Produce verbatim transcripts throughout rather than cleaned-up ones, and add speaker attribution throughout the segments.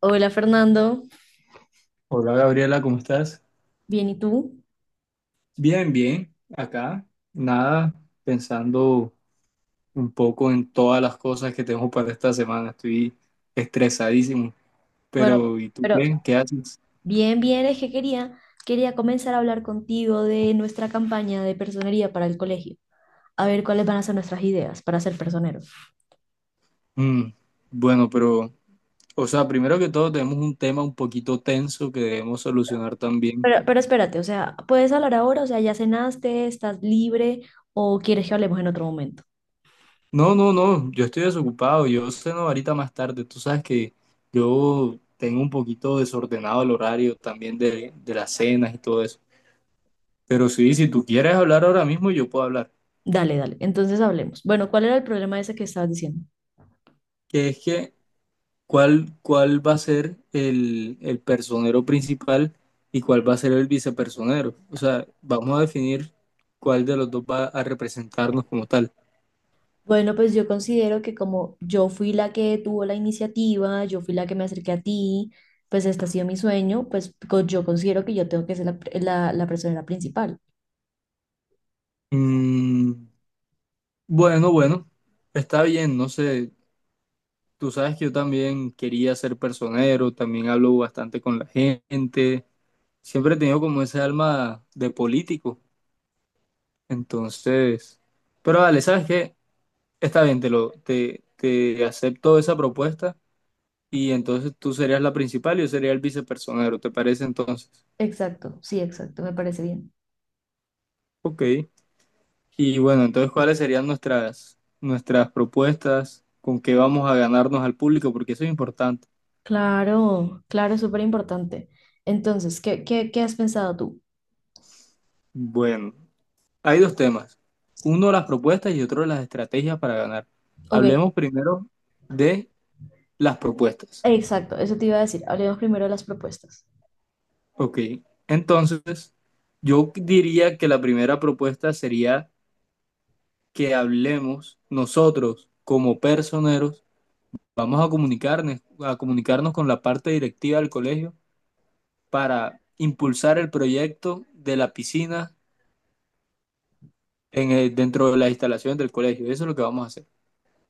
Speaker 1: Hola Fernando,
Speaker 2: Hola Gabriela, ¿cómo estás?
Speaker 1: bien, ¿y tú?
Speaker 2: Bien, bien, acá, nada, pensando un poco en todas las cosas que tengo para esta semana, estoy estresadísimo,
Speaker 1: Bueno,
Speaker 2: pero ¿y tú
Speaker 1: pero
Speaker 2: qué? ¿Qué haces?
Speaker 1: bien, bien, es que quería, quería comenzar a hablar contigo de nuestra campaña de personería para el colegio, a ver cuáles van a ser nuestras ideas para ser personeros.
Speaker 2: Mm, bueno, pero, o sea, primero que todo tenemos un tema un poquito tenso que debemos solucionar también.
Speaker 1: Pero, pero espérate, o sea, ¿puedes hablar ahora? O sea, ¿ya cenaste? ¿Estás libre? ¿O quieres que hablemos en otro momento?
Speaker 2: No, no, no, yo estoy desocupado, yo ceno ahorita más tarde, tú sabes que yo tengo un poquito desordenado el horario también de, de las cenas y todo eso. Pero sí, si tú quieres hablar ahora mismo, yo puedo hablar.
Speaker 1: Dale, dale, entonces hablemos. Bueno, ¿cuál era el problema ese que estabas diciendo?
Speaker 2: Que es que, ¿cuál, cuál va a ser el, el personero principal y cuál va a ser el vicepersonero? O sea, vamos a definir cuál de los dos va a representarnos como tal.
Speaker 1: Bueno, pues yo considero que como yo fui la que tuvo la iniciativa, yo fui la que me acerqué a ti, pues este ha sido mi sueño, pues co- yo considero que yo tengo que ser la, la, la persona principal.
Speaker 2: Mm, bueno, bueno, está bien, no sé. Tú sabes que yo también quería ser personero, también hablo bastante con la gente. Siempre he tenido como ese alma de político. Entonces, pero vale, ¿sabes qué? Está bien, te lo, te, te acepto esa propuesta y entonces tú serías la principal y yo sería el vicepersonero, ¿te parece entonces?
Speaker 1: Exacto, sí, exacto, me parece bien.
Speaker 2: Ok. Y bueno, entonces, ¿cuáles serían nuestras, nuestras propuestas? ¿Con qué vamos a ganarnos al público? Porque eso es importante.
Speaker 1: Claro, claro, es súper importante. Entonces, ¿qué, qué, qué has pensado tú?
Speaker 2: Bueno, hay dos temas. Uno, las propuestas y otro, las estrategias para ganar.
Speaker 1: Ok,
Speaker 2: Hablemos primero de las propuestas.
Speaker 1: exacto, eso te iba a decir. Hablemos primero de las propuestas.
Speaker 2: Ok. Entonces, yo diría que la primera propuesta sería que hablemos nosotros como personeros, vamos a comunicarnos, a comunicarnos con la parte directiva del colegio para impulsar el proyecto de la piscina en el- dentro de las instalaciones del colegio. Eso es lo que vamos a hacer.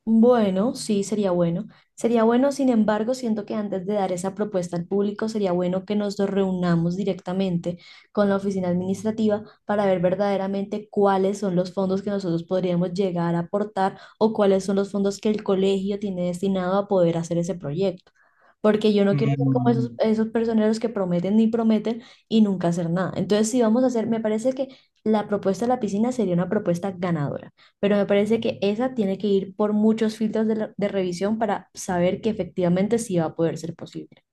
Speaker 1: Bueno, sí, sería bueno. Sería bueno, sin embargo, siento que antes de dar esa propuesta al público, sería bueno que nos reunamos directamente con la oficina administrativa para ver verdaderamente cuáles son los fondos que nosotros podríamos llegar a aportar o cuáles son los fondos que el colegio tiene destinado a poder hacer ese proyecto. Porque yo no quiero ser como
Speaker 2: Mm,
Speaker 1: esos, esos personeros que prometen ni prometen y nunca hacer nada. Entonces, si vamos a hacer, me parece que la propuesta de la piscina sería una propuesta ganadora, pero me parece que esa tiene que ir por muchos filtros de, la- de revisión para saber que efectivamente sí va a poder ser posible.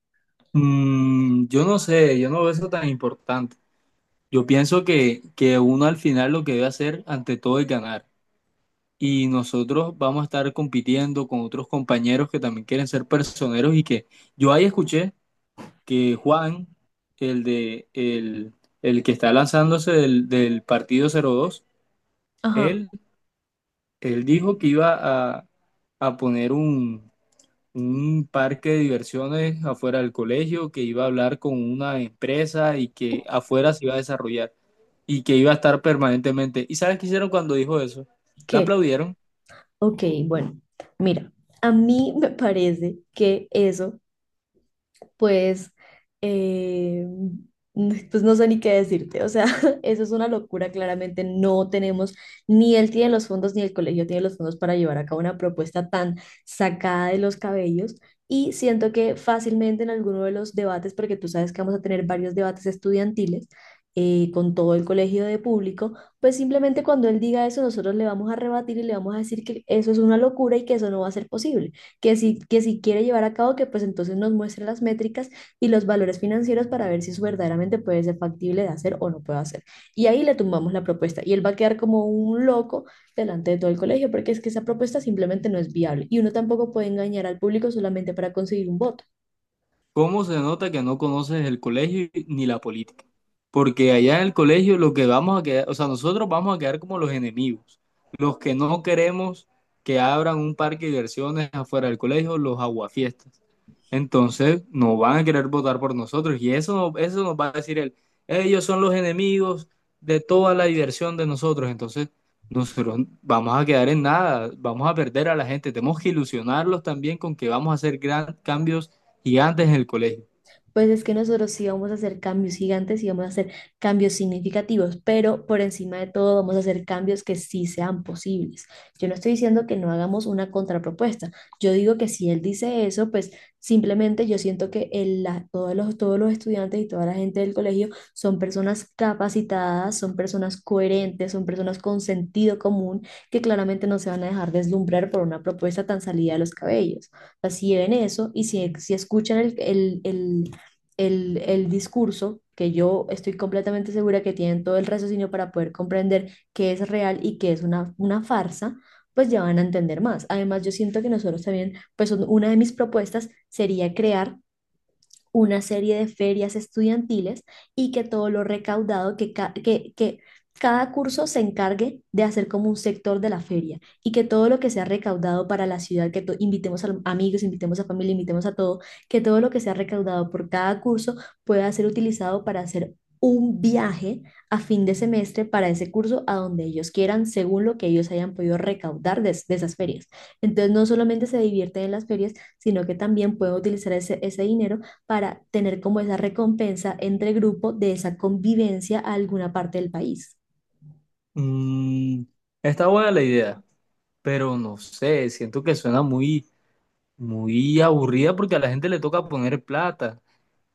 Speaker 2: mm, yo no sé, yo no veo eso tan importante. Yo pienso que, que uno al final lo que debe hacer ante todo es ganar. Y nosotros vamos a estar compitiendo con otros compañeros que también quieren ser personeros y que yo ahí escuché que Juan, el de el, el que está lanzándose del, del partido cero dos,
Speaker 1: Ajá,
Speaker 2: él, él dijo que iba a, a poner un, un parque de diversiones afuera del colegio, que iba a hablar con una empresa y que afuera se iba a desarrollar y que iba a estar permanentemente. ¿Y sabes qué hicieron cuando dijo eso? La
Speaker 1: ¿qué?
Speaker 2: aplaudieron.
Speaker 1: Ok, bueno, mira, a mí me parece que eso pues, eh, pues no sé ni qué decirte. O sea, eso es una locura. Claramente no tenemos, ni él tiene los fondos, ni el colegio tiene los fondos para llevar a cabo una propuesta tan sacada de los cabellos. Y siento que fácilmente en alguno de los debates, porque tú sabes que vamos a tener varios debates estudiantiles eh, con todo el colegio de público, pues simplemente cuando él diga eso, nosotros le vamos a rebatir y le vamos a decir que eso es una locura y que eso no va a ser posible, que si, que si quiere llevar a cabo, que pues entonces nos muestre las métricas y los valores financieros para ver si eso verdaderamente puede ser factible de hacer o no puede hacer. Y ahí le tumbamos la propuesta y él va a quedar como un loco delante de todo el colegio, porque es que esa propuesta simplemente no es viable y uno tampoco puede engañar al público solamente para conseguir un voto.
Speaker 2: ¿Cómo se nota que no conoces el colegio ni la política? Porque allá en el colegio lo que vamos a quedar, o sea, nosotros vamos a quedar como los enemigos, los que no queremos que abran un parque de diversiones afuera del colegio, los aguafiestas. Entonces, no van a querer votar por nosotros y eso, no- eso nos va a decir él, ellos son los enemigos de toda la diversión de nosotros. Entonces, nosotros vamos a quedar en nada, vamos a perder a la gente, tenemos que ilusionarlos también con que vamos a hacer gran, cambios gigantes en el colegio.
Speaker 1: Pues es que nosotros sí vamos a hacer cambios gigantes y vamos a hacer cambios significativos, pero por encima de todo vamos a hacer cambios que sí sean posibles. Yo no estoy diciendo que no hagamos una contrapropuesta. Yo digo que si él dice eso, pues simplemente yo siento que el- la- todos los, todos los estudiantes y toda la gente del colegio son personas capacitadas, son personas coherentes, son personas con sentido común que claramente no se van a dejar deslumbrar por una propuesta tan salida de los cabellos. Así sea, si ven eso y si, si escuchan el, el, el- el, el discurso, que yo estoy completamente segura que tienen todo el raciocinio para poder comprender qué es real y qué es una, una farsa, pues ya van a entender más. Además, yo siento que nosotros también, pues un- una de mis propuestas sería crear una serie de ferias estudiantiles y que todo lo recaudado, que, ca- que, que cada curso se encargue de hacer como un sector de la feria y que todo lo que sea recaudado para la ciudad, que to- invitemos a amigos, invitemos a familia, invitemos a todo, que todo lo que sea recaudado por cada curso pueda ser utilizado para hacer un viaje a fin de semestre para ese curso a donde ellos quieran, según lo que ellos hayan podido recaudar de, de esas ferias. Entonces, no solamente se divierten en las ferias, sino que también pueden utilizar ese, ese dinero para tener como esa recompensa entre grupo de esa convivencia a alguna parte del país.
Speaker 2: Mm, está buena la idea, pero no sé, siento que suena muy, muy aburrida porque a la gente le toca poner plata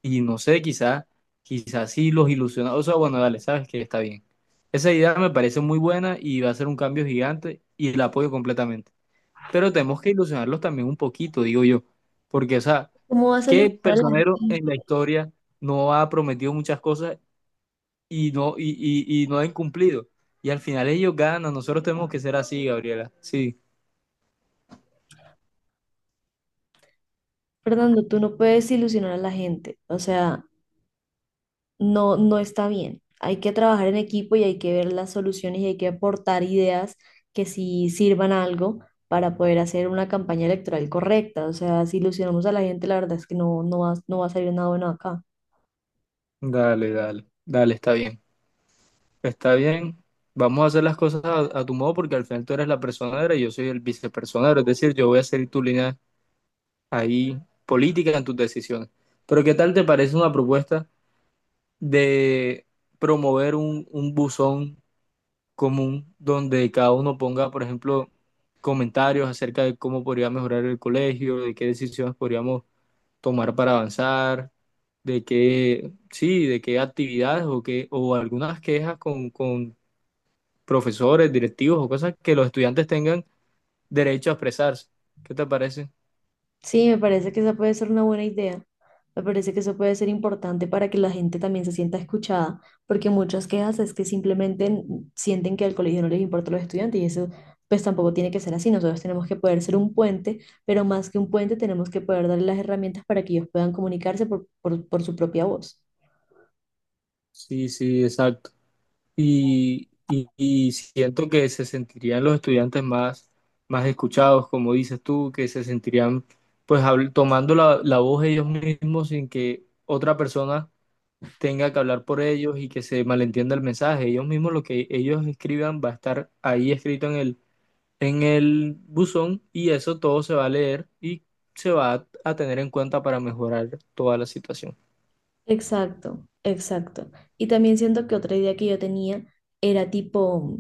Speaker 2: y no sé, quizás, quizás sí los ilusiona. O sea, bueno, dale, sabes que está bien. Esa idea me parece muy buena y va a ser un cambio gigante y la apoyo completamente. Pero tenemos que ilusionarlos también un poquito, digo yo, porque, o sea,
Speaker 1: ¿Cómo vas a
Speaker 2: ¿qué
Speaker 1: ilusionar a la
Speaker 2: personero en
Speaker 1: gente?
Speaker 2: la historia no ha prometido muchas cosas y no, y, y, y no han cumplido? Y al final ellos ganan, nosotros tenemos que ser así, Gabriela. Sí,
Speaker 1: Fernando, tú no puedes ilusionar a la gente. O sea, no, no está bien. Hay que trabajar en equipo y hay que ver las soluciones y hay que aportar ideas que sí sirvan a algo para poder hacer una campaña electoral correcta. O sea, si ilusionamos a la gente, la verdad es que no, no va, no va a salir nada bueno acá.
Speaker 2: dale, dale, dale, está bien. Está bien, vamos a hacer las cosas a, a tu modo porque al final tú eres la personera y yo soy el vicepersonero, es decir, yo voy a seguir tu línea ahí política en tus decisiones. Pero ¿qué tal te parece una propuesta de promover un, un buzón común donde cada uno ponga, por ejemplo, comentarios acerca de cómo podría mejorar el colegio, de qué decisiones podríamos tomar para avanzar, de qué, sí, de qué actividades o qué, o algunas quejas con, con profesores, directivos o cosas que los estudiantes tengan derecho a expresarse. ¿Qué te parece?
Speaker 1: Sí, me parece que esa puede ser una buena idea. Me parece que eso puede ser importante para que la gente también se sienta escuchada, porque muchas quejas es que simplemente n- sienten que al colegio no les importa los estudiantes y eso pues tampoco tiene que ser así. Nosotros tenemos que poder ser un puente, pero más que un puente tenemos que poder darle las herramientas para que ellos puedan comunicarse por, por, por su propia voz.
Speaker 2: Sí, sí, exacto. Y, y- y siento que se sentirían los estudiantes más, más escuchados, como dices tú, que se sentirían pues habl- tomando la, la voz ellos mismos sin que otra persona tenga que hablar por ellos y que se malentienda el mensaje. Ellos mismos lo que ellos escriban va a estar ahí escrito en el, en el buzón y eso todo se va a leer y se va a, a tener en cuenta para mejorar toda la situación.
Speaker 1: Exacto, exacto. Y también siento que otra idea que yo tenía era tipo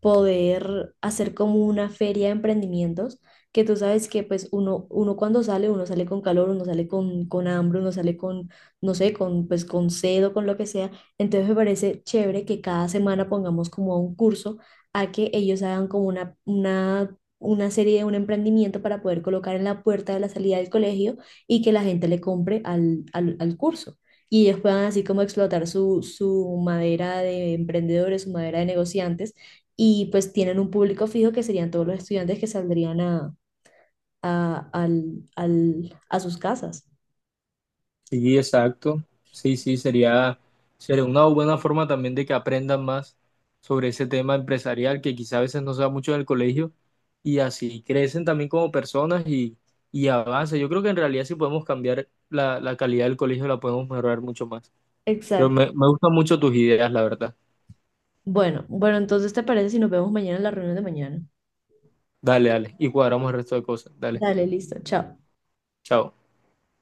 Speaker 1: poder hacer como una feria de emprendimientos, que tú sabes que pues uno, uno cuando sale, uno sale con calor, uno sale con, con hambre, uno sale con, no sé, con pues con sed o con lo que sea. Entonces me parece chévere que cada semana pongamos como un curso a que ellos hagan como una, una, una serie de un emprendimiento para poder colocar en la puerta de la salida del colegio y que la gente le compre al, al, al curso. Y ellos puedan así como explotar su, su madera de emprendedores, su madera de negociantes y pues tienen un público fijo que serían todos los estudiantes que saldrían a, a, al- al- a sus casas.
Speaker 2: Sí, exacto. Sí, sí, sería, sería una buena forma también de que aprendan más sobre ese tema empresarial que quizá a veces no se da mucho en el colegio y así crecen también como personas y, y avanzan. Yo creo que en realidad si podemos cambiar la, la calidad del colegio, la podemos mejorar mucho más. Pero
Speaker 1: Exacto.
Speaker 2: me, me gustan mucho tus ideas, la verdad.
Speaker 1: Bueno, bueno, entonces, ¿te parece si nos vemos mañana en la reunión de mañana?
Speaker 2: Dale, dale. Y cuadramos el resto de cosas. Dale.
Speaker 1: Dale, listo, chao.
Speaker 2: Chao.